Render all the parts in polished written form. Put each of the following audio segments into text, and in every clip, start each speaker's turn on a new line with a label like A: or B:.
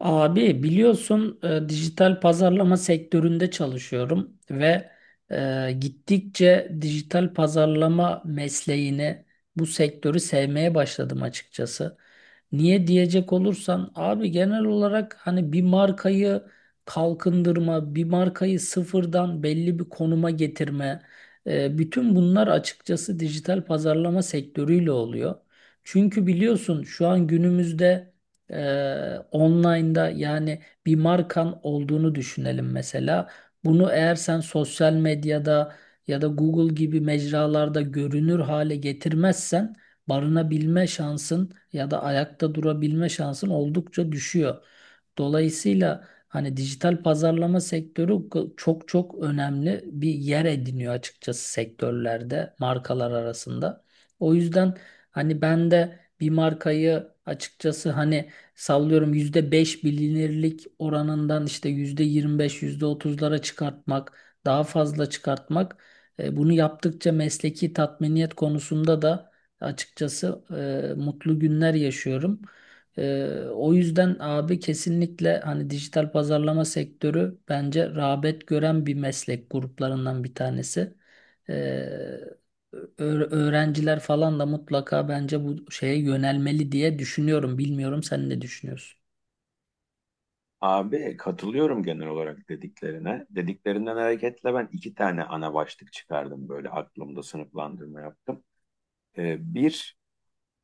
A: Abi biliyorsun, dijital pazarlama sektöründe çalışıyorum ve gittikçe dijital pazarlama mesleğini, bu sektörü sevmeye başladım açıkçası. Niye diyecek olursan abi, genel olarak hani bir markayı kalkındırma, bir markayı sıfırdan belli bir konuma getirme, bütün bunlar açıkçası dijital pazarlama sektörüyle oluyor. Çünkü biliyorsun, şu an günümüzde online'da yani bir markan olduğunu düşünelim mesela. Bunu eğer sen sosyal medyada ya da Google gibi mecralarda görünür hale getirmezsen, barınabilme şansın ya da ayakta durabilme şansın oldukça düşüyor. Dolayısıyla hani dijital pazarlama sektörü çok çok önemli bir yer ediniyor açıkçası sektörlerde, markalar arasında. O yüzden hani ben de bir markayı, açıkçası hani sallıyorum, %5 bilinirlik oranından işte %25, %30'lara çıkartmak, daha fazla çıkartmak. Bunu yaptıkça mesleki tatminiyet konusunda da açıkçası mutlu günler yaşıyorum. E, o yüzden abi kesinlikle hani dijital pazarlama sektörü bence rağbet gören bir meslek gruplarından bir tanesi. E, öğrenciler falan da mutlaka bence bu şeye yönelmeli diye düşünüyorum. Bilmiyorum, sen ne düşünüyorsun?
B: Abi katılıyorum genel olarak dediklerine. Dediklerinden hareketle ben iki tane ana başlık çıkardım böyle aklımda sınıflandırma yaptım. Ee, bir,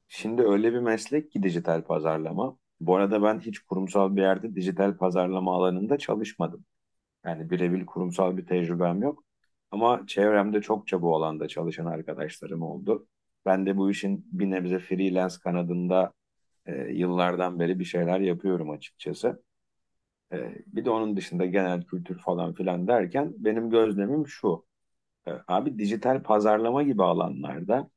B: şimdi öyle bir meslek ki dijital pazarlama. Bu arada ben hiç kurumsal bir yerde dijital pazarlama alanında çalışmadım. Yani birebir kurumsal bir tecrübem yok. Ama çevremde çokça bu alanda çalışan arkadaşlarım oldu. Ben de bu işin bir nebze freelance kanadında yıllardan beri bir şeyler yapıyorum açıkçası. Bir de onun dışında genel kültür falan filan derken benim gözlemim şu. Abi dijital pazarlama gibi alanlarda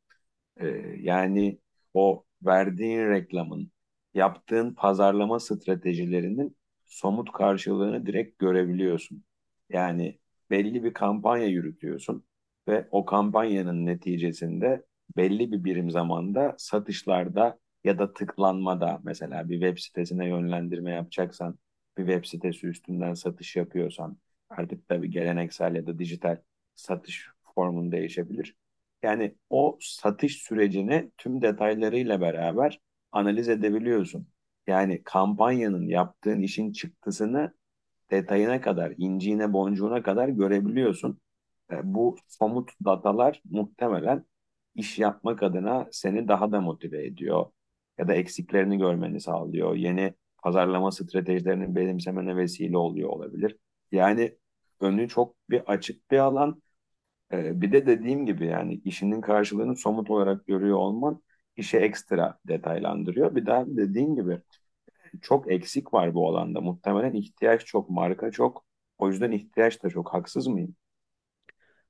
B: yani o verdiğin reklamın, yaptığın pazarlama stratejilerinin somut karşılığını direkt görebiliyorsun. Yani belli bir kampanya yürütüyorsun ve o kampanyanın neticesinde belli bir birim zamanda satışlarda ya da tıklanmada mesela bir web sitesine yönlendirme yapacaksan, bir web sitesi üstünden satış yapıyorsan, artık tabii geleneksel ya da dijital satış formun değişebilir. Yani o satış sürecini tüm detaylarıyla beraber analiz edebiliyorsun. Yani kampanyanın yaptığın işin çıktısını detayına kadar, inciğine, boncuğuna kadar görebiliyorsun. Bu somut datalar muhtemelen iş yapmak adına seni daha da motive ediyor ya da eksiklerini görmeni sağlıyor. Yeni pazarlama stratejilerini benimsemene vesile oluyor olabilir. Yani önü çok bir açık bir alan. Bir de dediğim gibi yani işinin karşılığını somut olarak görüyor olman işe ekstra detaylandırıyor. Bir daha dediğim gibi çok eksik var bu alanda. Muhtemelen ihtiyaç çok, marka çok. O yüzden ihtiyaç da çok. Haksız mıyım?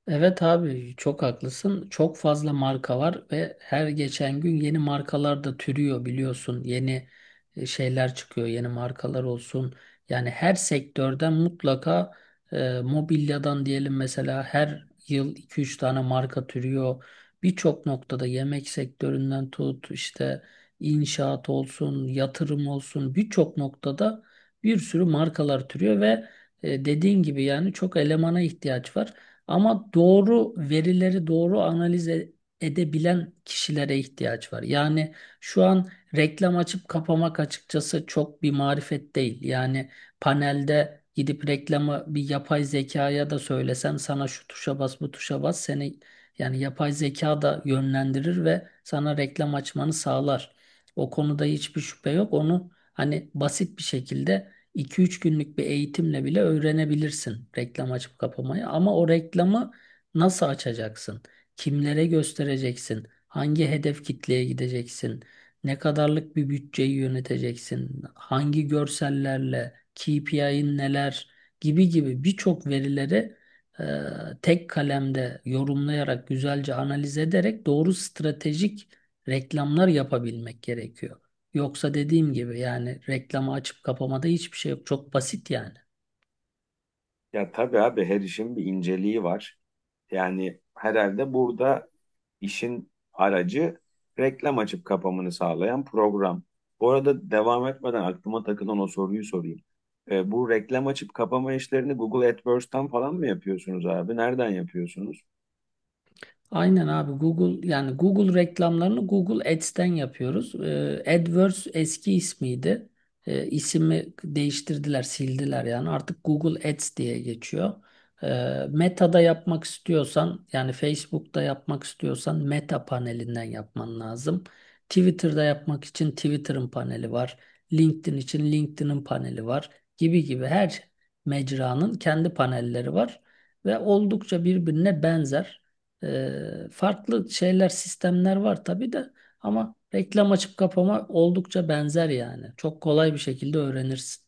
A: Evet abi, çok haklısın. Çok fazla marka var ve her geçen gün yeni markalar da türüyor biliyorsun. Yeni şeyler çıkıyor, yeni markalar olsun. Yani her sektörden mutlaka mobilyadan diyelim mesela, her yıl 2-3 tane marka türüyor. Birçok noktada yemek sektöründen tut, işte inşaat olsun, yatırım olsun, birçok noktada bir sürü markalar türüyor ve dediğin gibi yani çok elemana ihtiyaç var. Ama doğru verileri doğru analiz edebilen kişilere ihtiyaç var. Yani şu an reklam açıp kapamak açıkçası çok bir marifet değil. Yani panelde gidip reklamı bir yapay zekaya da söylesen, sana şu tuşa bas, bu tuşa bas, seni yani yapay zeka da yönlendirir ve sana reklam açmanı sağlar. O konuda hiçbir şüphe yok. Onu hani basit bir şekilde 2-3 günlük bir eğitimle bile öğrenebilirsin, reklam açıp kapamayı. Ama o reklamı nasıl açacaksın? Kimlere göstereceksin? Hangi hedef kitleye gideceksin? Ne kadarlık bir bütçeyi yöneteceksin? Hangi görsellerle? KPI'nin neler? Gibi gibi birçok verileri e, tek kalemde yorumlayarak, güzelce analiz ederek doğru stratejik reklamlar yapabilmek gerekiyor. Yoksa dediğim gibi yani reklamı açıp kapamada hiçbir şey yok. Çok basit yani.
B: Ya tabii abi her işin bir inceliği var. Yani herhalde burada İşin aracı reklam açıp kapamını sağlayan program. Bu arada devam etmeden aklıma takılan o soruyu sorayım. Bu reklam açıp kapama işlerini Google AdWords'tan falan mı yapıyorsunuz abi? Nereden yapıyorsunuz?
A: Aynen abi, Google yani Google reklamlarını Google Ads'ten yapıyoruz. AdWords eski ismiydi. İsmi değiştirdiler, sildiler yani. Artık Google Ads diye geçiyor. Meta'da yapmak istiyorsan yani Facebook'ta yapmak istiyorsan Meta panelinden yapman lazım. Twitter'da yapmak için Twitter'ın paneli var. LinkedIn için LinkedIn'in paneli var, gibi gibi her mecranın kendi panelleri var ve oldukça birbirine benzer. Farklı şeyler, sistemler var tabii de, ama reklam açıp kapama oldukça benzer yani. Çok kolay bir şekilde öğrenirsin.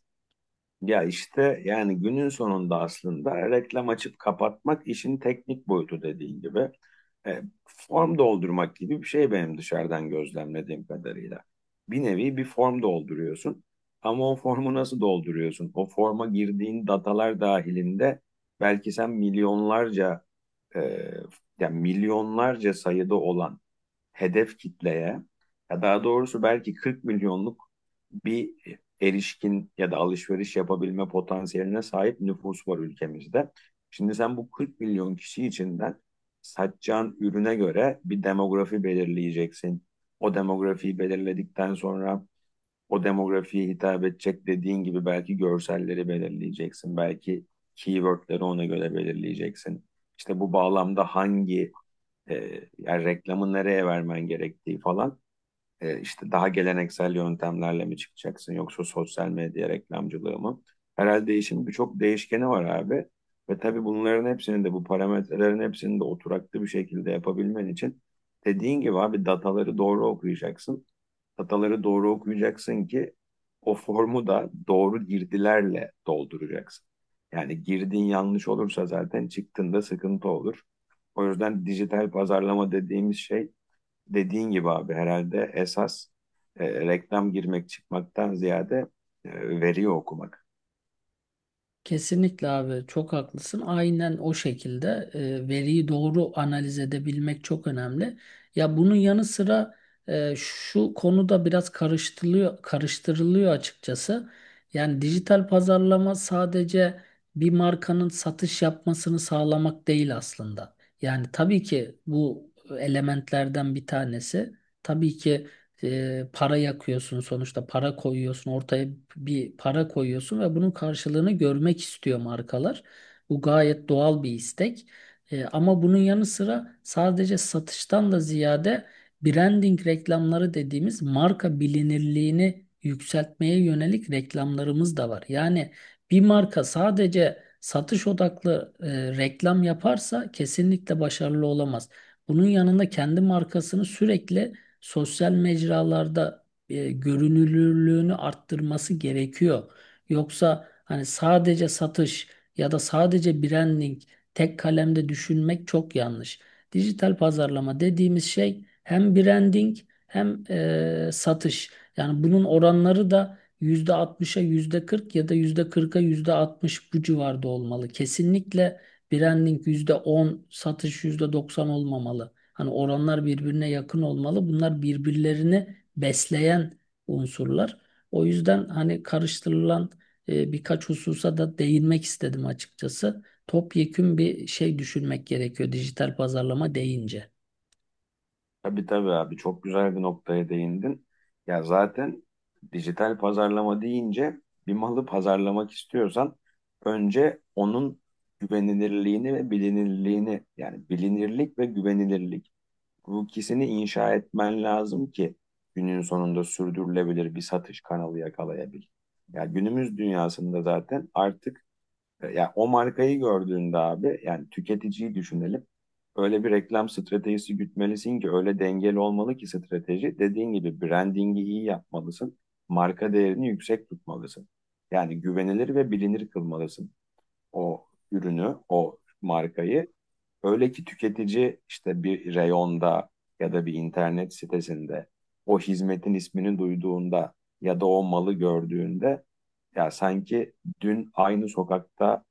B: Ya işte yani günün sonunda aslında reklam açıp kapatmak işin teknik boyutu dediğin gibi. Form doldurmak gibi bir şey benim dışarıdan gözlemlediğim kadarıyla. Bir nevi bir form dolduruyorsun. Ama o formu nasıl dolduruyorsun? O forma girdiğin datalar dahilinde belki sen milyonlarca e, yani milyonlarca sayıda olan hedef kitleye ya daha doğrusu belki 40 milyonluk bir erişkin ya da alışveriş yapabilme potansiyeline sahip nüfus var ülkemizde. Şimdi sen bu 40 milyon kişi içinden satacağın ürüne göre bir demografi belirleyeceksin. O demografiyi belirledikten sonra o demografiye hitap edecek dediğin gibi belki görselleri belirleyeceksin. Belki keywordleri ona göre belirleyeceksin. İşte bu bağlamda hangi e, yani reklamı nereye vermen gerektiği falan. İşte daha geleneksel yöntemlerle mi çıkacaksın yoksa sosyal medya reklamcılığı mı? Herhalde işin birçok değişkeni var abi. Ve tabii bunların hepsini de bu parametrelerin hepsini de oturaklı bir şekilde yapabilmen için dediğin gibi abi dataları doğru okuyacaksın. Hataları doğru okuyacaksın ki o formu da doğru girdilerle dolduracaksın. Yani girdin yanlış olursa zaten çıktığında sıkıntı olur. O yüzden dijital pazarlama dediğimiz şey dediğin gibi abi herhalde esas reklam girmek çıkmaktan ziyade e, veriyi okumak.
A: Kesinlikle abi, çok haklısın. Aynen o şekilde veriyi doğru analiz edebilmek çok önemli. Ya bunun yanı sıra şu konuda biraz karıştırılıyor, karıştırılıyor açıkçası. Yani dijital pazarlama sadece bir markanın satış yapmasını sağlamak değil aslında. Yani tabii ki bu elementlerden bir tanesi. Tabii ki para yakıyorsun, sonuçta para koyuyorsun ortaya, bir para koyuyorsun ve bunun karşılığını görmek istiyor markalar. Bu gayet doğal bir istek. Ama bunun yanı sıra sadece satıştan da ziyade branding reklamları dediğimiz marka bilinirliğini yükseltmeye yönelik reklamlarımız da var. Yani bir marka sadece satış odaklı reklam yaparsa kesinlikle başarılı olamaz. Bunun yanında kendi markasını sürekli sosyal mecralarda görünürlüğünü arttırması gerekiyor. Yoksa hani sadece satış ya da sadece branding, tek kalemde düşünmek çok yanlış. Dijital pazarlama dediğimiz şey hem branding hem satış. Yani bunun oranları da %60'a yüzde %40 ya da %40'a %60, bu civarda olmalı. Kesinlikle branding %10, satış %90 olmamalı. Hani oranlar birbirine yakın olmalı. Bunlar birbirlerini besleyen unsurlar. O yüzden hani karıştırılan birkaç hususa da değinmek istedim açıkçası. Topyekün bir şey düşünmek gerekiyor dijital pazarlama deyince.
B: Tabii tabii abi çok güzel bir noktaya değindin. Ya zaten dijital pazarlama deyince bir malı pazarlamak istiyorsan önce onun güvenilirliğini ve bilinirliğini yani bilinirlik ve güvenilirlik bu ikisini inşa etmen lazım ki günün sonunda sürdürülebilir bir satış kanalı yakalayabil. Ya günümüz dünyasında zaten artık yani o markayı gördüğünde abi yani tüketiciyi düşünelim. Öyle bir reklam stratejisi gütmelisin ki öyle dengeli olmalı ki strateji. Dediğin gibi brandingi iyi yapmalısın. Marka değerini yüksek tutmalısın. Yani güvenilir ve bilinir kılmalısın o ürünü, o markayı. Öyle ki tüketici işte bir reyonda ya da bir internet sitesinde o hizmetin ismini duyduğunda ya da o malı gördüğünde ya sanki dün aynı sokakta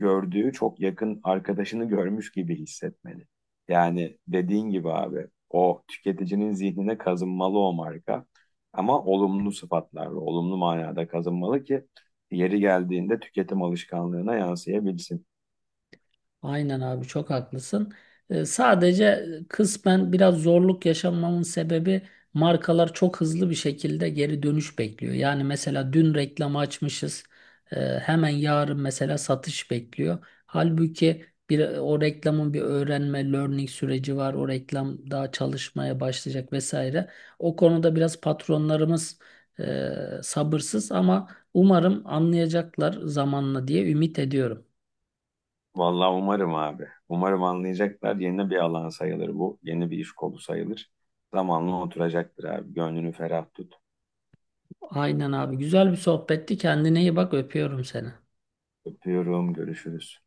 B: gördüğü çok yakın arkadaşını görmüş gibi hissetmeli. Yani dediğin gibi abi o tüketicinin zihnine kazınmalı o marka ama olumlu sıfatlarla, olumlu manada kazınmalı ki yeri geldiğinde tüketim alışkanlığına yansıyabilsin.
A: Aynen abi, çok haklısın. Sadece kısmen biraz zorluk yaşamamın sebebi, markalar çok hızlı bir şekilde geri dönüş bekliyor. Yani mesela dün reklamı açmışız. Hemen yarın mesela satış bekliyor. Halbuki bir o reklamın bir öğrenme, learning süreci var. O reklam daha çalışmaya başlayacak vesaire. O konuda biraz patronlarımız e, sabırsız ama umarım anlayacaklar zamanla diye ümit ediyorum.
B: Vallahi umarım abi. Umarım anlayacaklar. Yeni bir alan sayılır bu. Yeni bir iş kolu sayılır. Zamanla oturacaktır abi. Gönlünü ferah tut.
A: Aynen abi. Güzel bir sohbetti. Kendine iyi bak. Öpüyorum seni.
B: Öpüyorum. Görüşürüz.